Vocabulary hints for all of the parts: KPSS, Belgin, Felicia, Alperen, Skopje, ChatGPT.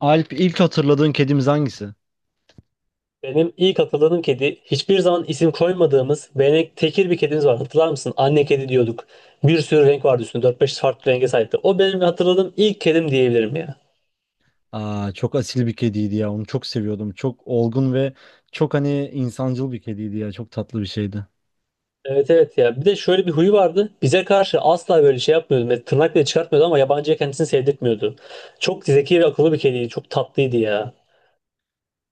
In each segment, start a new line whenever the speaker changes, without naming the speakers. Alp, ilk hatırladığın kedimiz hangisi?
Benim ilk hatırladığım kedi hiçbir zaman isim koymadığımız benek tekir bir kedimiz var. Hatırlar mısın? Anne kedi diyorduk. Bir sürü renk vardı üstünde. Dört beş farklı renge sahipti. O benim hatırladığım ilk kedim diyebilirim ya.
Aa, çok asil bir kediydi ya. Onu çok seviyordum. Çok olgun ve çok hani insancıl bir kediydi ya. Çok tatlı bir şeydi.
Evet evet ya. Bir de şöyle bir huyu vardı. Bize karşı asla böyle şey yapmıyordu. Ve tırnak bile çıkartmıyordu ama yabancıya kendisini sevdirtmiyordu. Çok zeki ve akıllı bir kediydi. Çok tatlıydı ya.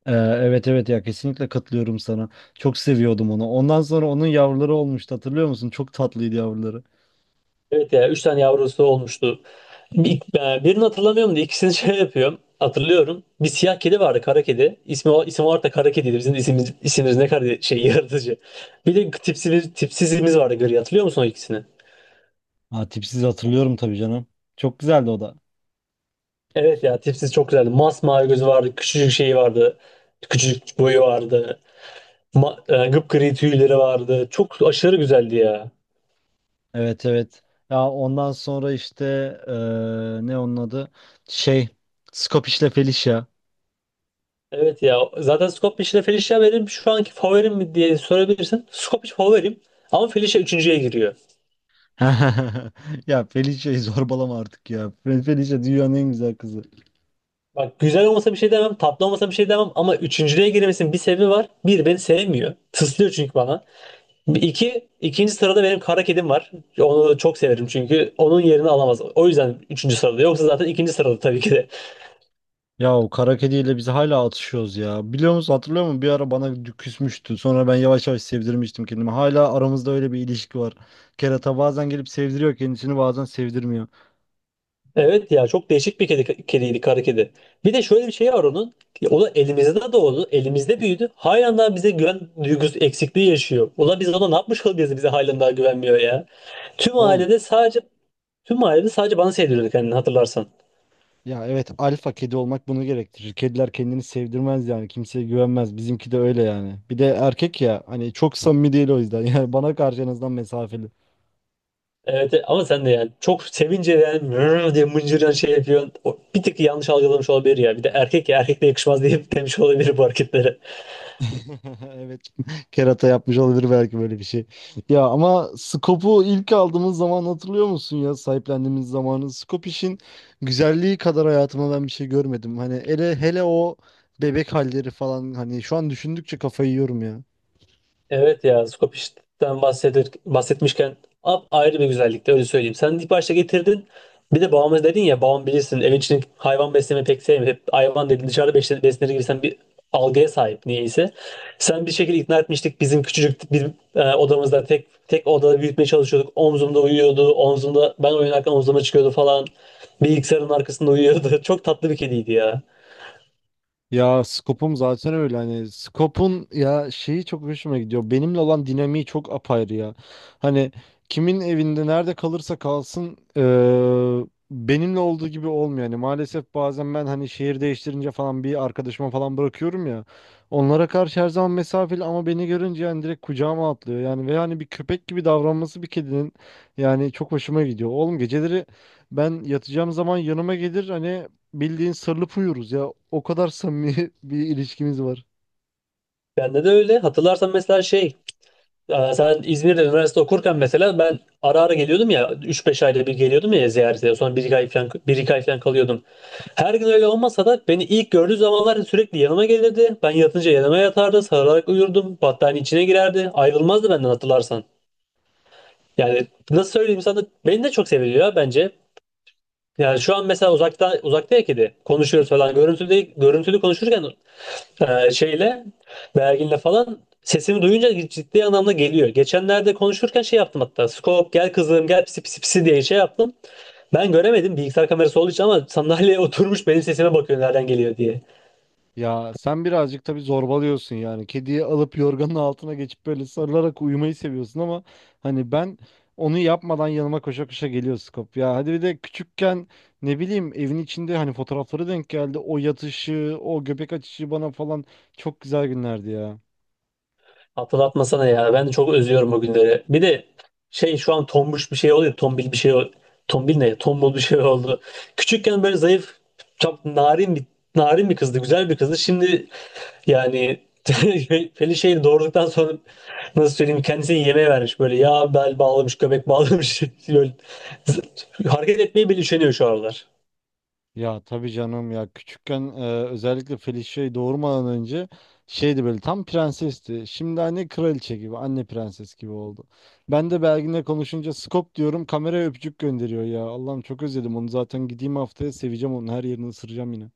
Evet evet ya, kesinlikle katılıyorum sana. Çok seviyordum onu. Ondan sonra onun yavruları olmuştu. Hatırlıyor musun? Çok tatlıydı yavruları.
Evet ya üç tane yavrusu olmuştu. Bir, Birini hatırlamıyorum da ikisini şey yapıyorum. Hatırlıyorum. Bir siyah kedi vardı kara kedi. İsmi, isim olarak da kara kediydi. Bizim isimimiz ne kadar şey yaratıcı. Bir de tipsizimiz vardı gri. Hatırlıyor musun o ikisini?
Ha, tipsiz hatırlıyorum tabii canım. Çok güzeldi o da.
Evet ya tipsiz çok güzeldi. Masmavi gözü vardı. Küçücük şeyi vardı. Küçücük boyu vardı. Gıpgri tüyleri vardı. Çok aşırı güzeldi ya.
Evet evet. Ya ondan sonra işte ee, ne onun adı? Şey, Scopish'le Felicia.
Evet ya zaten Skopje ile Felicia benim şu anki favorim mi diye sorabilirsin. Skopje favorim ama Felicia üçüncüye giriyor.
Ya Felicia'yı zorbalama artık ya. Felicia dünyanın en güzel kızı.
Bak güzel olmasa bir şey demem, tatlı olmasa bir şey demem ama üçüncülüğe girmesinin bir sebebi var. Bir, beni sevmiyor. Tıslıyor çünkü bana. İki, ikinci sırada benim kara kedim var. Onu çok severim çünkü onun yerini alamaz. O yüzden üçüncü sırada. Yoksa zaten ikinci sırada tabii ki de.
Ya o kara kediyle biz hala atışıyoruz ya. Biliyor musun, hatırlıyor musun? Bir ara bana küsmüştü. Sonra ben yavaş yavaş sevdirmiştim kendimi. Hala aramızda öyle bir ilişki var. Kerata bazen gelip sevdiriyor kendisini, bazen sevdirmiyor.
Evet ya çok değişik bir kediydi kara kedi. Bir de şöyle bir şey var onun. O da elimizde doğdu. Elimizde büyüdü. Halen daha bize güven duygusu eksikliği yaşıyor. Ula biz ona ne yapmış olabiliriz bize halen daha güvenmiyor ya. Tüm
Oğlum
ailede sadece tüm ailede sadece bana sevdiriyordu kendini hatırlarsan.
ya, evet, alfa kedi olmak bunu gerektirir. Kediler kendini sevdirmez yani. Kimseye güvenmez. Bizimki de öyle yani. Bir de erkek ya, hani çok samimi değil o yüzden. Yani bana karşı en azından mesafeli.
Evet, ama sen de yani çok sevince yani "Vrr" diye mıncıran şey yapıyorsun. O bir tık yanlış algılamış olabilir ya. Bir de erkek ya erkekle yakışmaz diye demiş olabilir bu hareketlere.
Evet. Kerata yapmış olabilir belki böyle bir şey. Ya ama Scope'u ilk aldığımız zaman hatırlıyor musun ya, sahiplendiğimiz zamanı? Scope işin güzelliği kadar hayatıma ben bir şey görmedim. Hani hele hele o bebek halleri falan, hani şu an düşündükçe kafayı yiyorum.
Evet ya Skopje'den bahsetmişken ap ayrı bir güzellikte öyle söyleyeyim. Sen ilk başta getirdin. Bir de babamız dedin ya babam bilirsin evin içinde hayvan beslemeyi pek sevmiyor. Hep hayvan dedin dışarıda beslenir gibi sen bir algıya sahip niyeyse. Sen bir şekilde ikna etmiştik bizim küçücük bir odamızda tek odada büyütmeye çalışıyorduk. Omzumda uyuyordu. Omzumda ben oynarken omzuma çıkıyordu falan. Bilgisayarın arkasında uyuyordu. Çok tatlı bir kediydi ya.
Ya Skop'um zaten öyle, hani Skop'un ya şeyi çok hoşuma gidiyor. Benimle olan dinamiği çok apayrı ya. Hani kimin evinde nerede kalırsa kalsın benimle olduğu gibi olmuyor. Yani maalesef bazen ben hani şehir değiştirince falan bir arkadaşıma falan bırakıyorum ya. Onlara karşı her zaman mesafeli ama beni görünce yani direkt kucağıma atlıyor. Yani ve hani bir köpek gibi davranması bir kedinin yani çok hoşuma gidiyor. Oğlum geceleri ben yatacağım zaman yanıma gelir, hani bildiğin sarılıp uyuruz ya. O kadar samimi bir ilişkimiz var.
Bende de öyle. Hatırlarsan mesela şey. Ya sen İzmir'de üniversite okurken mesela ben ara ara geliyordum ya üç beş ayda bir geliyordum ya ziyarete, sonra bir iki ay falan, 1-2 ay falan kalıyordum. Her gün öyle olmasa da beni ilk gördüğü zamanlar sürekli yanıma gelirdi. Ben yatınca yanıma yatardı, sarılarak uyurdum, battaniye içine girerdi. Ayrılmazdı benden hatırlarsan. Yani nasıl söyleyeyim sana, beni de çok seviyor ya bence. Yani şu an mesela uzakta uzakta ya kedi. Konuşuyoruz falan. Görüntülü görüntülü konuşurken şeyle verginle falan sesimi duyunca ciddi anlamda geliyor. Geçenlerde konuşurken şey yaptım hatta. Skop gel kızım, gel pisi pisi pisi diye şey yaptım. Ben göremedim bilgisayar kamerası olduğu için ama sandalyeye oturmuş benim sesime bakıyor nereden geliyor diye.
Ya sen birazcık tabii zorbalıyorsun yani. Kediyi alıp yorganın altına geçip böyle sarılarak uyumayı seviyorsun ama hani ben onu yapmadan yanıma koşa koşa geliyor Skop. Ya hadi, bir de küçükken ne bileyim evin içinde hani fotoğrafları denk geldi. O yatışı, o göbek açışı bana falan, çok güzel günlerdi ya.
Hatırlatmasana ya. Ben de çok özlüyorum o günleri. Bir de şey, şu an tombuş bir şey oluyor. Tombil bir şey Tombil ne? Tombul bir şey oldu. Küçükken böyle zayıf, çok narin bir kızdı. Güzel bir kızdı. Şimdi yani Feli şeyi doğurduktan sonra nasıl söyleyeyim, kendisini yemeğe vermiş, böyle yağ bel bağlamış, göbek bağlamış böyle hareket etmeyi bile üşeniyor şu aralar.
Ya tabii canım ya, küçükken özellikle Felicia'yı doğurmadan önce şeydi, böyle tam prensesti. Şimdi anne kraliçe gibi, anne prenses gibi oldu. Ben de Belgin'le konuşunca skop diyorum, kameraya öpücük gönderiyor ya. Allah'ım, çok özledim onu. Zaten gideyim haftaya, seveceğim, onun her yerini ısıracağım yine.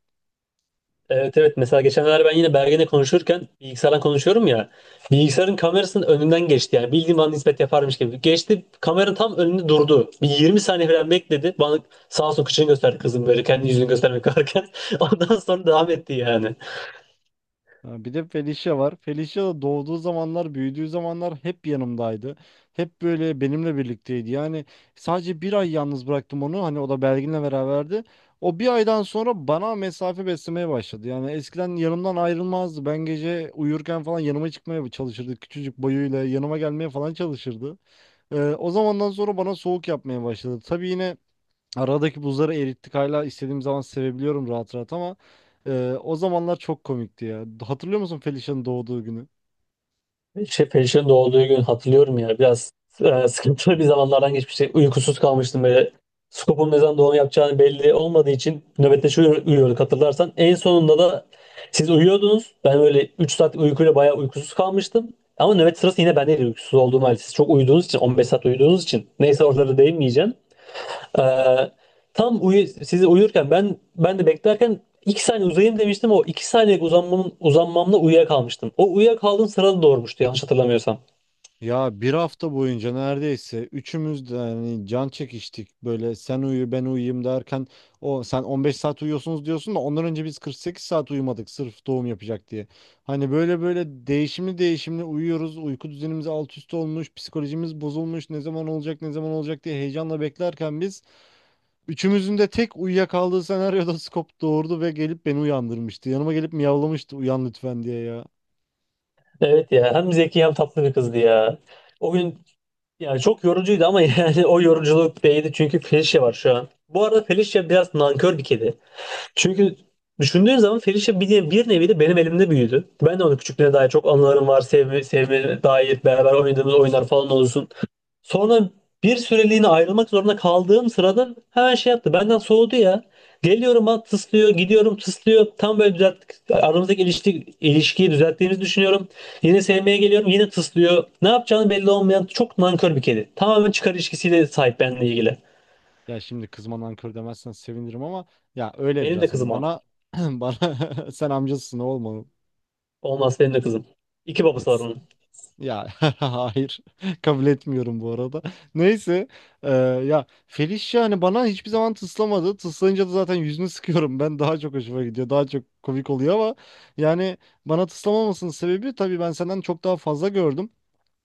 Evet evet, mesela geçenlerde ben yine Bergen'le konuşurken, bilgisayardan konuşuyorum ya, bilgisayarın kamerasının önünden geçti, yani bildiğim bana nispet yaparmış gibi geçti, kamera tam önünde durdu, bir 20 saniye falan bekledi, bana sağ olsun kıçını gösterdi kızım, böyle kendi yüzünü göstermek varken ondan sonra devam etti yani.
Ha, bir de Felicia var. Felicia da doğduğu zamanlar, büyüdüğü zamanlar hep yanımdaydı. Hep böyle benimle birlikteydi. Yani sadece bir ay yalnız bıraktım onu. Hani o da Belgin'le beraberdi. O bir aydan sonra bana mesafe beslemeye başladı. Yani eskiden yanımdan ayrılmazdı. Ben gece uyurken falan yanıma çıkmaya çalışırdı. Küçücük boyuyla yanıma gelmeye falan çalışırdı. O zamandan sonra bana soğuk yapmaya başladı. Tabii yine aradaki buzları erittik, hala istediğim zaman sevebiliyorum rahat rahat ama o zamanlar çok komikti ya. Hatırlıyor musun Felicia'nın doğduğu günü?
Şey, Perişan'ın doğduğu gün hatırlıyorum ya. Biraz sıkıntılı bir zamanlardan geçmişti. Uykusuz kalmıştım böyle. Skop'un ne zaman doğum yapacağını belli olmadığı için nöbetleşe uyuyorduk hatırlarsan. En sonunda da siz uyuyordunuz. Ben böyle 3 saat uykuyla bayağı uykusuz kalmıştım. Ama nöbet sırası yine bendeydi uykusuz olduğum halde. Siz çok uyuduğunuz için, 15 saat uyuduğunuz için. Neyse, oraları değinmeyeceğim. Ee, sizi uyurken ben de beklerken 2 saniye uzayayım demiştim. O 2 saniyelik uzanmamla uyuyakalmıştım. O uyuyakaldığım sırada doğurmuştu yanlış hatırlamıyorsam.
Ya bir hafta boyunca neredeyse üçümüz de yani can çekiştik. Böyle sen uyu ben uyuyayım derken, o, sen 15 saat uyuyorsunuz diyorsun da ondan önce biz 48 saat uyumadık sırf doğum yapacak diye. Hani böyle böyle değişimli değişimli uyuyoruz. Uyku düzenimiz alt üst olmuş, psikolojimiz bozulmuş. Ne zaman olacak, ne zaman olacak diye heyecanla beklerken biz, üçümüzün de tek uyuyakaldığı senaryoda Skop doğurdu ve gelip beni uyandırmıştı. Yanıma gelip miyavlamıştı, uyan lütfen diye ya.
Evet ya, hem zeki hem tatlı bir kızdı ya. O gün yani çok yorucuydu ama yani o yoruculuk değdi çünkü Felicia var şu an. Bu arada Felicia biraz nankör bir kedi. Çünkü düşündüğün zaman Felicia bir nevi de benim elimde büyüdü. Ben de onu, küçüklüğüne dair çok anılarım var. Sevme dair beraber oynadığımız oyunlar falan olsun. Sonra bir süreliğine ayrılmak zorunda kaldığım sırada hemen şey yaptı. Benden soğudu ya. Geliyorum bana tıslıyor, gidiyorum tıslıyor. Tam böyle düzelttik. Aramızdaki ilişkiyi düzelttiğimizi düşünüyorum. Yine sevmeye geliyorum, yine tıslıyor. Ne yapacağını belli olmayan çok nankör bir kedi. Tamamen çıkar ilişkisiyle sahip benimle ilgili.
Ya şimdi kızma, nankör demezsen sevinirim ama ya öyle
Benim de
biraz hani
kızım o.
bana, bana sen amcasısın, olma.
Olmaz, benim de kızım. İki babası var onun.
Ya hayır, kabul etmiyorum bu arada. Neyse, eee, ya Felicia hani bana hiçbir zaman tıslamadı. Tıslayınca da zaten yüzünü sıkıyorum. Ben daha çok hoşuma gidiyor. Daha çok komik oluyor ama yani bana tıslamamasının sebebi tabii ben senden çok daha fazla gördüm.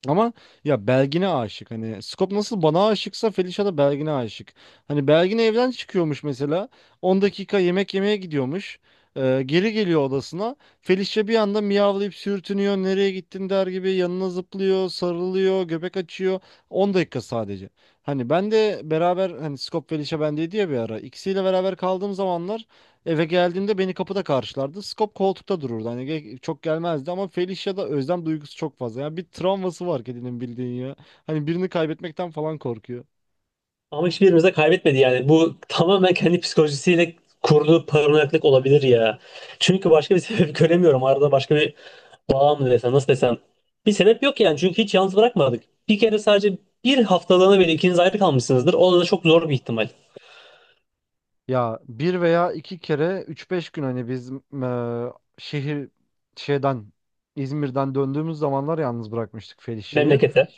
Ama ya Belgin'e aşık. Hani Skop nasıl bana aşıksa, Felicia da Belgin'e aşık. Hani Belgin evden çıkıyormuş mesela. 10 dakika yemek yemeye gidiyormuş. Geri geliyor odasına. Felicia bir anda miyavlayıp sürtünüyor. Nereye gittin der gibi yanına zıplıyor, sarılıyor, göbek açıyor. 10 dakika sadece. Hani ben de beraber, hani Skop Felicia bendeydi ya bir ara. İkisiyle beraber kaldığım zamanlar eve geldiğimde beni kapıda karşılardı. Skop koltukta dururdu. Hani çok gelmezdi ama Felicia'da özlem duygusu çok fazla. Yani bir travması var kedinin, bildiğin ya. Hani birini kaybetmekten falan korkuyor.
Ama hiçbirimiz de kaybetmedi yani. Bu tamamen kendi psikolojisiyle kurduğu paranoyaklık olabilir ya. Çünkü başka bir sebep göremiyorum. Arada başka bir bağ mı desem, nasıl desem. Bir sebep yok yani, çünkü hiç yalnız bırakmadık. Bir kere sadece bir haftalığına bile ikiniz ayrı kalmışsınızdır. O da çok zor bir ihtimal.
Ya bir veya iki kere üç beş gün hani biz şehir şeyden İzmir'den döndüğümüz zamanlar yalnız bırakmıştık Felicia'yı.
Memlekete.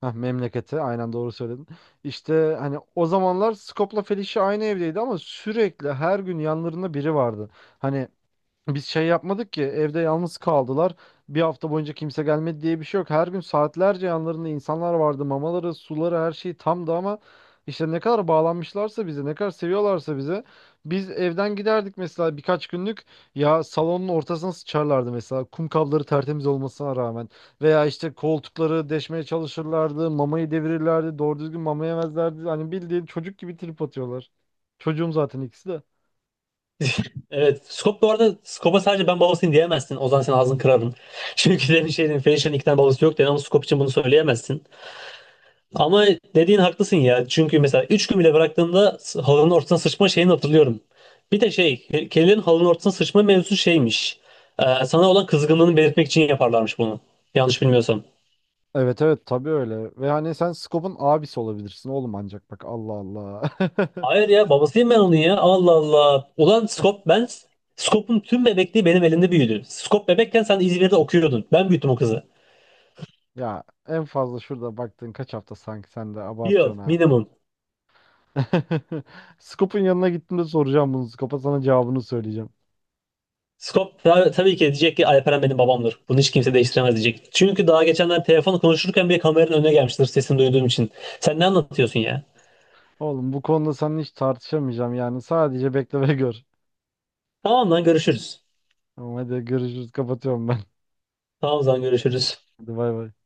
Heh, memlekete, aynen, doğru söyledin. İşte hani o zamanlar Skop'la Felicia aynı evdeydi ama sürekli her gün yanlarında biri vardı. Hani biz şey yapmadık ki evde yalnız kaldılar. Bir hafta boyunca kimse gelmedi diye bir şey yok. Her gün saatlerce yanlarında insanlar vardı. Mamaları, suları, her şey tamdı ama işte ne kadar bağlanmışlarsa bize, ne kadar seviyorlarsa bize. Biz evden giderdik mesela birkaç günlük, ya salonun ortasına sıçarlardı mesela kum kapları tertemiz olmasına rağmen. Veya işte koltukları deşmeye çalışırlardı, mamayı devirirlerdi, doğru düzgün mama yemezlerdi. Hani bildiğin çocuk gibi trip atıyorlar. Çocuğum zaten ikisi de.
Evet. Bu arada Skop'a sadece ben babasıyım diyemezsin. O zaman sen, ağzını kırarım. Çünkü demin şey dedim. Fenişir'in iki tane babası yok dedin ama Skop için bunu söyleyemezsin. Ama dediğin haklısın ya. Çünkü mesela 3 gün bile bıraktığımda halının ortasına sıçma şeyini hatırlıyorum. Bir de şey, kedilerin halının ortasına sıçma mevzusu şeymiş. Sana olan kızgınlığını belirtmek için yaparlarmış bunu. Yanlış bilmiyorsam.
Evet evet, tabii öyle. Ve hani sen Scope'un abisi olabilirsin oğlum ancak, bak, Allah Allah.
Hayır ya, babasıyım ben onun ya. Allah Allah. Ulan Skop, ben Skop'un tüm bebekliği benim elimde büyüdü. Skop bebekken sen İzmir'de okuyordun. Ben büyüttüm o kızı.
Ya en fazla şurada baktığın kaç hafta, sanki sen de
Bir yıl
abartıyorsun ha.
minimum.
Scope'un yanına gittiğimde soracağım bunu Scope'a, sana cevabını söyleyeceğim.
Skop tabii ki diyecek ki Alperen benim babamdır. Bunu hiç kimse değiştiremez diyecek. Çünkü daha geçenler telefonu konuşurken bile kameranın önüne gelmiştir sesini duyduğum için. Sen ne anlatıyorsun ya?
Oğlum bu konuda seninle hiç tartışamayacağım yani, sadece bekle ve gör.
Tamam lan, görüşürüz.
Tamam, hadi görüşürüz, kapatıyorum ben.
Tamam lan, görüşürüz.
Hadi bay bay.